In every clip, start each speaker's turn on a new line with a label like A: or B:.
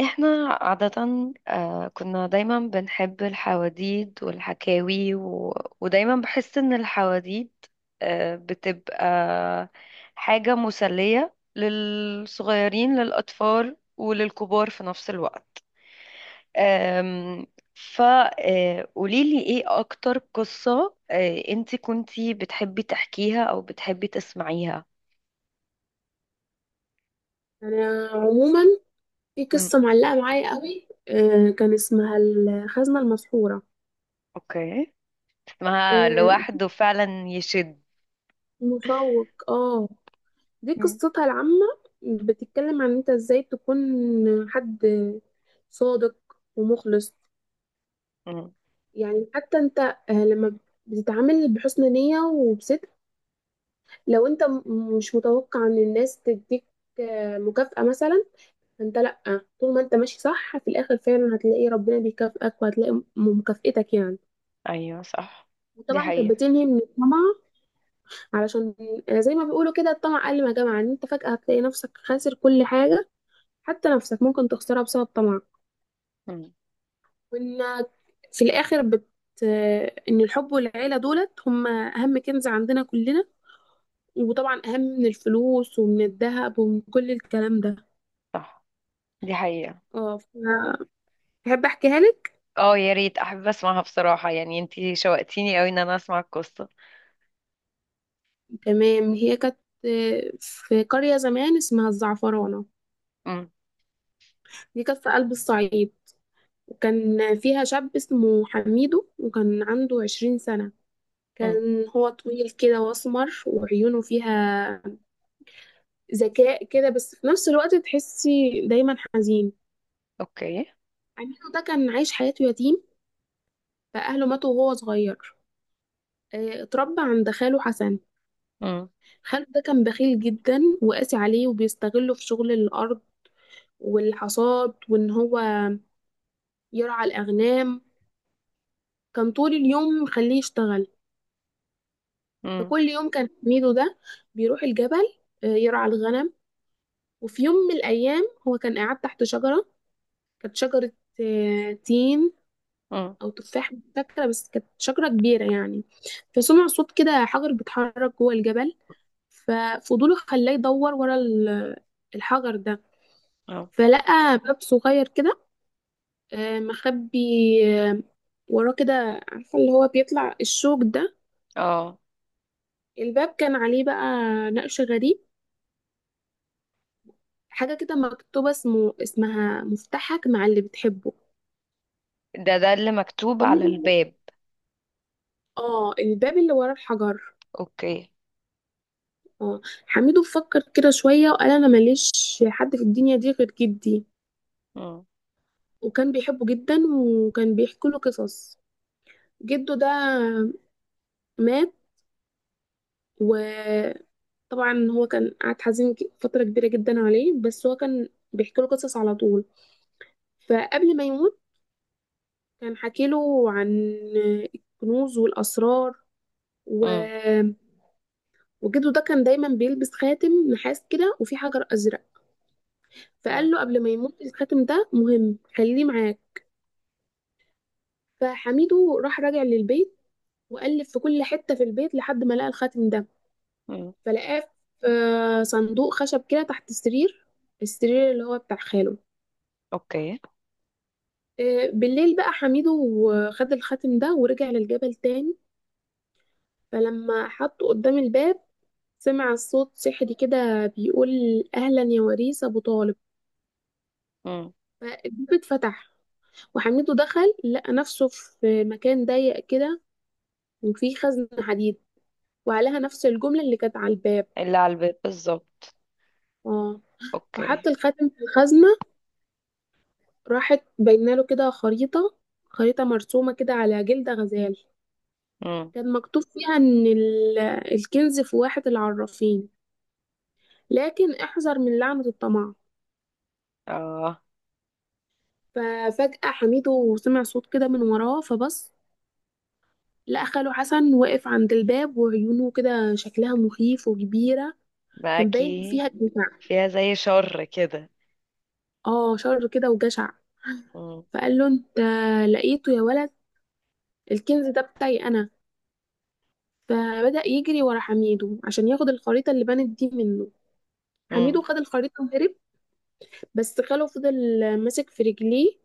A: احنا عادة، كنا دايما بنحب الحواديد والحكاوي ودايما بحس ان الحواديد بتبقى حاجة مسلية للصغيرين، للأطفال وللكبار في نفس الوقت. فقوليلي ايه اكتر قصة انتي كنتي بتحبي تحكيها او بتحبي تسمعيها؟
B: انا عموما في
A: مم.
B: قصه معلقه معايا قوي كان اسمها الخزنه المسحوره.
A: اوكي. اسمها
B: آه،
A: لوحده فعلا يشد.
B: مشوق اه. دي
A: مم.
B: قصتها العامه. بتتكلم عن انت ازاي تكون حد صادق ومخلص.
A: مم.
B: يعني حتى انت لما بتتعامل بحسن نيه وبصدق، لو انت مش متوقع ان الناس تديك مكافأة مثلا، انت لأ. طول ما انت ماشي صح في الآخر فعلا هتلاقي ربنا بيكافئك وهتلاقي مكافئتك يعني.
A: ايوه، صح. دي
B: وطبعا كانت
A: حقيقة.
B: بتلهي من الطمع، علشان زي ما بيقولوا كده الطمع قل ما جمع، ان انت فجأة هتلاقي نفسك خاسر كل حاجة، حتى نفسك ممكن تخسرها بسبب طمع.
A: مم.
B: وانك في الاخر ان الحب والعيلة دولت هم اهم كنز عندنا كلنا، وطبعا اهم من الفلوس ومن الذهب ومن كل الكلام ده.
A: صح، دي حقيقة.
B: اه، فبحب احكيها لك.
A: اه، يا ريت، احب اسمعها بصراحة. يعني انتي شوقتيني قوي ان انا اسمع القصة.
B: تمام. هي كانت في قرية زمان اسمها الزعفرانة.
A: مم.
B: دي كانت في قلب الصعيد. كان فيها شاب اسمه حميدو وكان عنده 20 سنة.
A: مم.
B: كان هو طويل كده واسمر وعيونه فيها ذكاء كده، بس في نفس الوقت تحسي دايما حزين.
A: اوكي.
B: حميدو ده كان عايش حياته يتيم، فأهله ماتوا وهو صغير. اتربى عند خاله حسن.
A: مم.
B: خاله ده كان بخيل جدا وقاسي عليه وبيستغله في شغل الأرض والحصاد، وإن هو يرعى الأغنام. كان طول اليوم مخليه يشتغل.
A: مم.
B: فكل يوم كان حميدو ده بيروح الجبل يرعى الغنم. وفي يوم من الأيام هو كان قاعد تحت شجرة، كانت شجرة تين
A: مم.
B: أو تفاح، مش فاكرة، بس كانت شجرة كبيرة يعني. فسمع صوت كده حجر بيتحرك جوه الجبل، ففضوله خلاه يدور ورا الحجر ده.
A: اه،
B: فلقى باب صغير كده مخبي آه، وراه كده، عارفة اللي هو بيطلع الشوك ده.
A: اه،
B: الباب كان عليه بقى نقش غريب، حاجة كده مكتوبة اسمها مفتاحك مع اللي بتحبه.
A: ده اللي مكتوب على
B: حميدو،
A: الباب؟
B: اه الباب اللي ورا الحجر.
A: اوكي.
B: اه. حميدو فكر كده شوية وقال انا ماليش حد في الدنيا دي غير جدي.
A: مم.
B: وكان بيحبه جدا وكان بيحكي له قصص. جده ده مات، وطبعا هو كان قعد حزين فترة كبيرة جدا عليه، بس هو كان بيحكي له قصص على طول. فقبل ما يموت كان حكي له عن الكنوز والأسرار.
A: مم.
B: وجده ده كان دايما بيلبس خاتم نحاس كده وفيه حجر ازرق.
A: آه.
B: فقال له قبل ما يموت، الخاتم ده مهم خليه معاك. فحميده راح راجع للبيت، وقلب في كل حته في البيت لحد ما لقى الخاتم ده.
A: مم.
B: فلقاه في صندوق خشب كده تحت السرير، السرير اللي هو بتاع خاله.
A: اوكي.
B: بالليل بقى حميده خد الخاتم ده ورجع للجبل تاني. فلما حطه قدام الباب، سمع الصوت سحري كده بيقول: اهلا يا وريث ابو طالب.
A: مم.
B: فالباب اتفتح، وحميد دخل لقى نفسه في مكان ضيق كده، وفيه خزنة حديد، وعليها نفس الجملة اللي كانت على الباب.
A: اللي على الباب بالظبط.
B: اه، فحط
A: اوكي.
B: الخاتم في الخزنة، راحت باينة له كده خريطة، خريطة مرسومة كده على جلد غزال.
A: مم.
B: كان مكتوب فيها إن الكنز في واحة العرافين، لكن احذر من لعنة الطمع.
A: اه،
B: ففجأة حميدو سمع صوت كده من وراه فبص، لقى خاله حسن واقف عند الباب وعيونه كده شكلها مخيف وكبيرة. كان باين
A: باكي،
B: فيها الدفاع.
A: فيها زي شر كده.
B: اه شر كده وجشع.
A: مم.
B: فقال له: انت لقيته يا ولد، الكنز ده بتاعي انا. فبدأ يجري ورا حميدو عشان ياخد الخريطة اللي بانت دي منه.
A: مم.
B: حميدو خد الخريطة وهرب، بس خاله فضل ماسك في رجليه،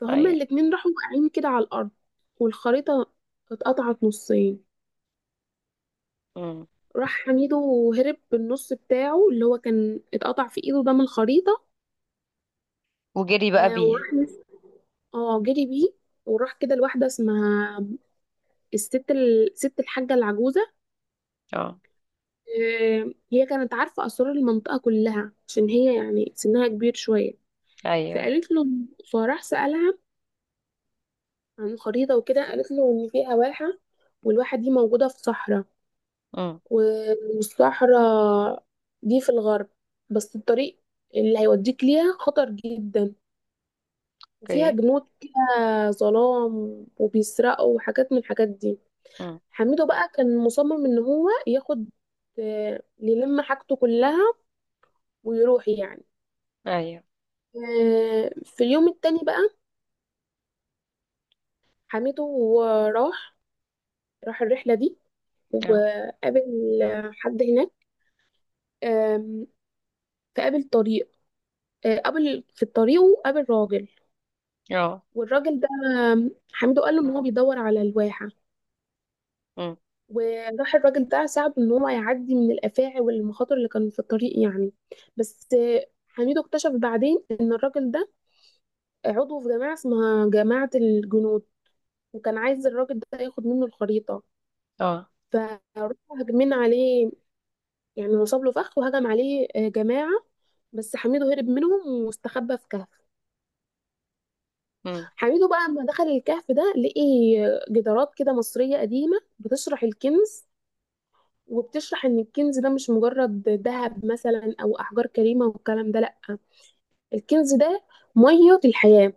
B: فهما
A: ايوه.
B: الاتنين راحوا واقعين كده على الأرض، والخريطة اتقطعت نصين.
A: مم.
B: راح حميدو وهرب بالنص بتاعه اللي هو كان اتقطع في ايده ده من الخريطة.
A: وجري بقى
B: آه
A: بيه.
B: وراح نس- اه جري بيه. وراح كده لواحدة اسمها ست الحاجة العجوزة.
A: اه.
B: هي كانت عارفة أسرار المنطقة كلها عشان هي يعني سنها كبير شوية.
A: ايوه.
B: فقالت له، فراح سألها عن الخريطة وكده، قالت له إن فيها واحة، والواحة دي موجودة في صحراء
A: امم.
B: والصحراء دي في الغرب، بس الطريق اللي هيوديك ليها خطر جدا، وفيها
A: اوكي.
B: جنود كده ظلام وبيسرقوا وحاجات من الحاجات دي.
A: امم.
B: حميدو بقى كان مصمم إن هو ياخد يلم حاجته كلها ويروح يعني.
A: ايوه.
B: في اليوم التاني بقى حميدو راح راح الرحلة دي
A: اه،
B: وقابل حد هناك. آم، فقابل طريق قابل في الطريق وقابل راجل.
A: اه.
B: والراجل ده حميدو قال له ان هو بيدور على الواحة،
A: امم.
B: وراح الراجل ده ساعده ان هو يعدي من الافاعي والمخاطر اللي كانوا في الطريق يعني. بس حميدو اكتشف بعدين ان الراجل ده عضو في جماعة اسمها جماعة الجنود، وكان عايز الراجل ده ياخد منه الخريطة.
A: اه.
B: فراحوا هاجمين عليه، يعني نصب له فخ وهجم عليه جماعة. بس حميدو هرب منهم واستخبى في كهف.
A: امم.
B: حميدو بقى لما دخل الكهف ده لقي جدارات كده مصرية قديمة بتشرح الكنز، وبتشرح ان الكنز ده مش مجرد ذهب مثلا او احجار كريمة والكلام ده لا، الكنز ده مية الحياة،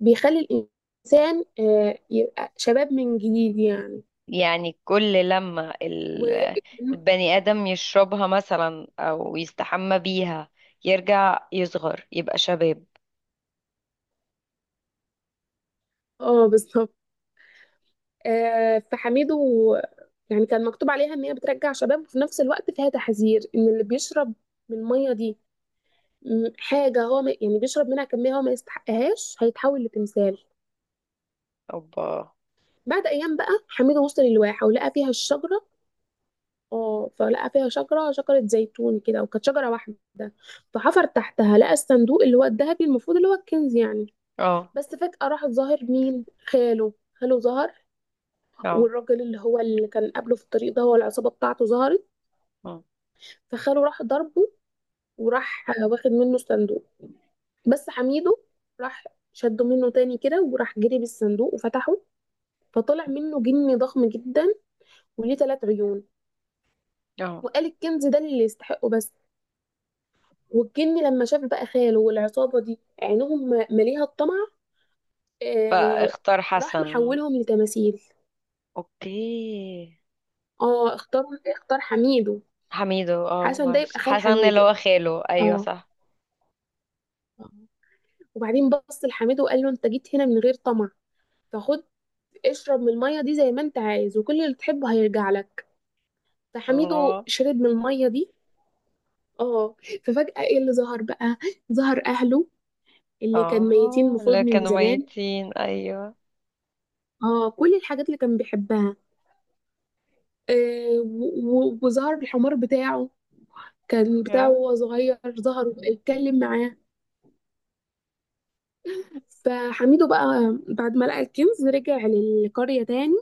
B: بيخلي الانسان يبقى شباب من جديد يعني.
A: يعني كل لما
B: و
A: البني آدم يشربها مثلا او يستحمى بيها يرجع، يصغر، يبقى شباب.
B: اه بالظبط. فحميدو يعني كان مكتوب عليها ان هي بترجع شباب، وفي نفس الوقت فيها تحذير ان اللي بيشرب من الميه دي حاجه، هو ما يعني بيشرب منها كميه هو ما يستحقهاش هيتحول لتمثال.
A: اوبا.
B: بعد ايام بقى حميدو وصل الواحه ولقى فيها الشجره. اه فلقى فيها شجره زيتون كده وكانت شجره واحده. فحفر تحتها لقى الصندوق اللي هو الذهبي المفروض اللي هو الكنز يعني.
A: اه،
B: بس فجاه راح ظاهر مين؟ خاله ظهر.
A: اه.
B: والراجل اللي هو اللي كان قابله في الطريق ده، هو العصابه بتاعته ظهرت.
A: أمم.
B: فخاله راح ضربه وراح واخد منه صندوق. بس حميده راح شده منه تاني كده وراح جري بالصندوق وفتحه، فطلع منه جني ضخم جدا وليه ثلاث عيون.
A: اه،
B: وقال الكنز ده اللي يستحقه بس. والجني لما شاف بقى خاله والعصابة دي عينهم مليها الطمع، آه،
A: فاختار
B: راح
A: حسن.
B: محولهم لتماثيل.
A: اوكي.
B: اه اختار حميده.
A: حميدو، اه،
B: حسن ده يبقى
A: ماشي،
B: خال
A: حسن اللي
B: حميده،
A: هو خاله. ايوه،
B: اه.
A: صح.
B: وبعدين بص لحميده وقال له: انت جيت هنا من غير طمع، فخد اشرب من المية دي زي ما انت عايز وكل اللي تحبه هيرجع لك. فحميدو
A: الله.
B: شرب من المية دي، اه. ففجأة ايه اللي ظهر بقى؟ ظهر اهله اللي كان ميتين
A: اه،
B: المفروض
A: اللي
B: من
A: كانوا
B: زمان،
A: ميتين، ايوه.
B: اه، كل الحاجات اللي كان بيحبها، وظهر الحمار بتاعه، كان بتاعه
A: يا.
B: وهو صغير، ظهر اتكلم معاه. فحميدو بقى بعد ما لقى الكنز رجع للقرية تاني،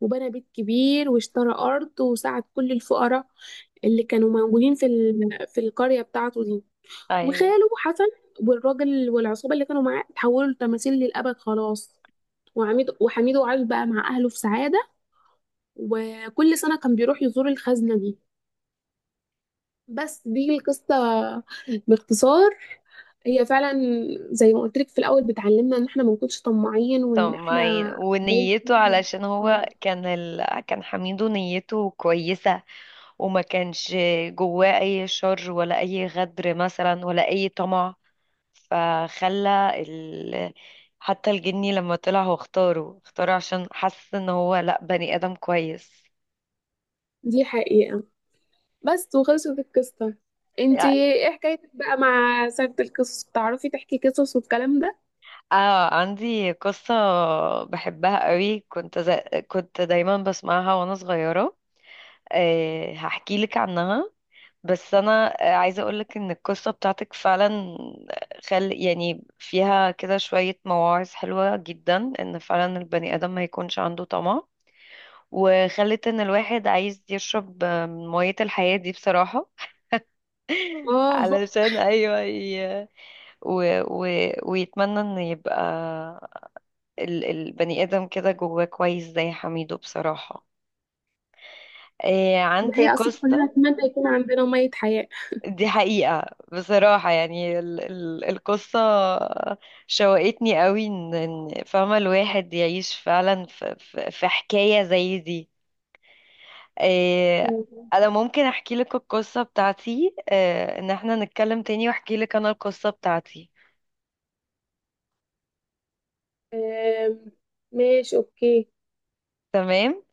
B: وبنى بيت كبير واشترى أرض وساعد كل الفقراء اللي كانوا موجودين في في القرية بتاعته دي.
A: ايوه.
B: وخاله حسن والراجل والعصابة اللي كانوا معاه اتحولوا لتماثيل للأبد خلاص. وعميد وحميد وعاد بقى مع أهله في سعادة، وكل سنة كان بيروح يزور الخزنة دي. بس دي القصة باختصار. هي فعلا زي ما قلت لك في الأول بتعلمنا إن احنا ما نكونش طماعين
A: طب
B: وإن احنا
A: ما ي-
B: دايما.
A: ونيته، علشان هو
B: آه،
A: كان حميدو نيته كويسة. وما كانش جواه أي شر ولا أي غدر مثلا ولا أي طمع. فخلى ال... حتى الجني لما طلع، هو اختاره اختاره عشان حس ان هو لأ، بني آدم كويس.
B: دي حقيقة. بس وخلصت القصة. انتي ايه حكايتك بقى مع سيرة القصص؟ بتعرفي تحكي قصص والكلام ده؟
A: اه، عندي قصة بحبها قوي. كنت دايما بسمعها وانا صغيرة. أه، هحكي لك عنها. بس انا عايزه اقولك ان القصه بتاعتك فعلا، خل، يعني فيها كده شويه مواعظ حلوه جدا. ان فعلا البني ادم ما يكونش عنده طمع. وخلت ان الواحد عايز يشرب من ميه الحياه دي بصراحه.
B: اه
A: علشان، ايوه، و... و... ويتمنى ان يبقى البني ادم كده جواه كويس زي حميدو بصراحه. إيه،
B: دي
A: عندي
B: حقيقة، أصلا كلنا
A: قصه.
B: نتمنى يكون عندنا مية حياة.
A: دي حقيقة. بصراحة، يعني ال القصة شوقتني قوي. ان فاهمة الواحد يعيش فعلا في حكاية زي دي. إيه،
B: مم.
A: انا ممكن احكي لك القصة بتاعتي. إيه، ان احنا نتكلم تاني واحكي لك انا القصة بتاعتي.
B: آم، ماشي أوكي.
A: تمام.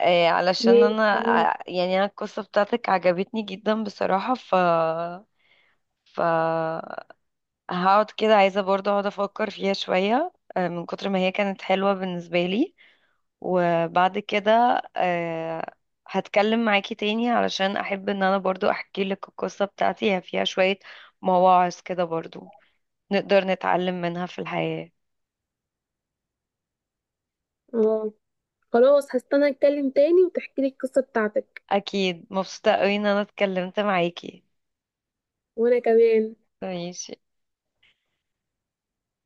A: إيه، علشان
B: ماشي
A: انا
B: خلاص.
A: يعني انا القصة بتاعتك عجبتني جدا بصراحة، ف هقعد كده، عايزة برضه اقعد افكر فيها شوية، من كتر ما هي كانت حلوة بالنسبة لي. وبعد كده، هتكلم معاكي تاني، علشان احب ان انا برضو احكي لك القصة بتاعتي. هي فيها شوية مواعظ كده برضو نقدر نتعلم منها في الحياة.
B: اه خلاص، هستنى أتكلم تاني وتحكي لي القصة بتاعتك.
A: اكيد مبسوطة قوي ان انا اتكلمت معاكي.
B: وأنا كمان.
A: ماشي.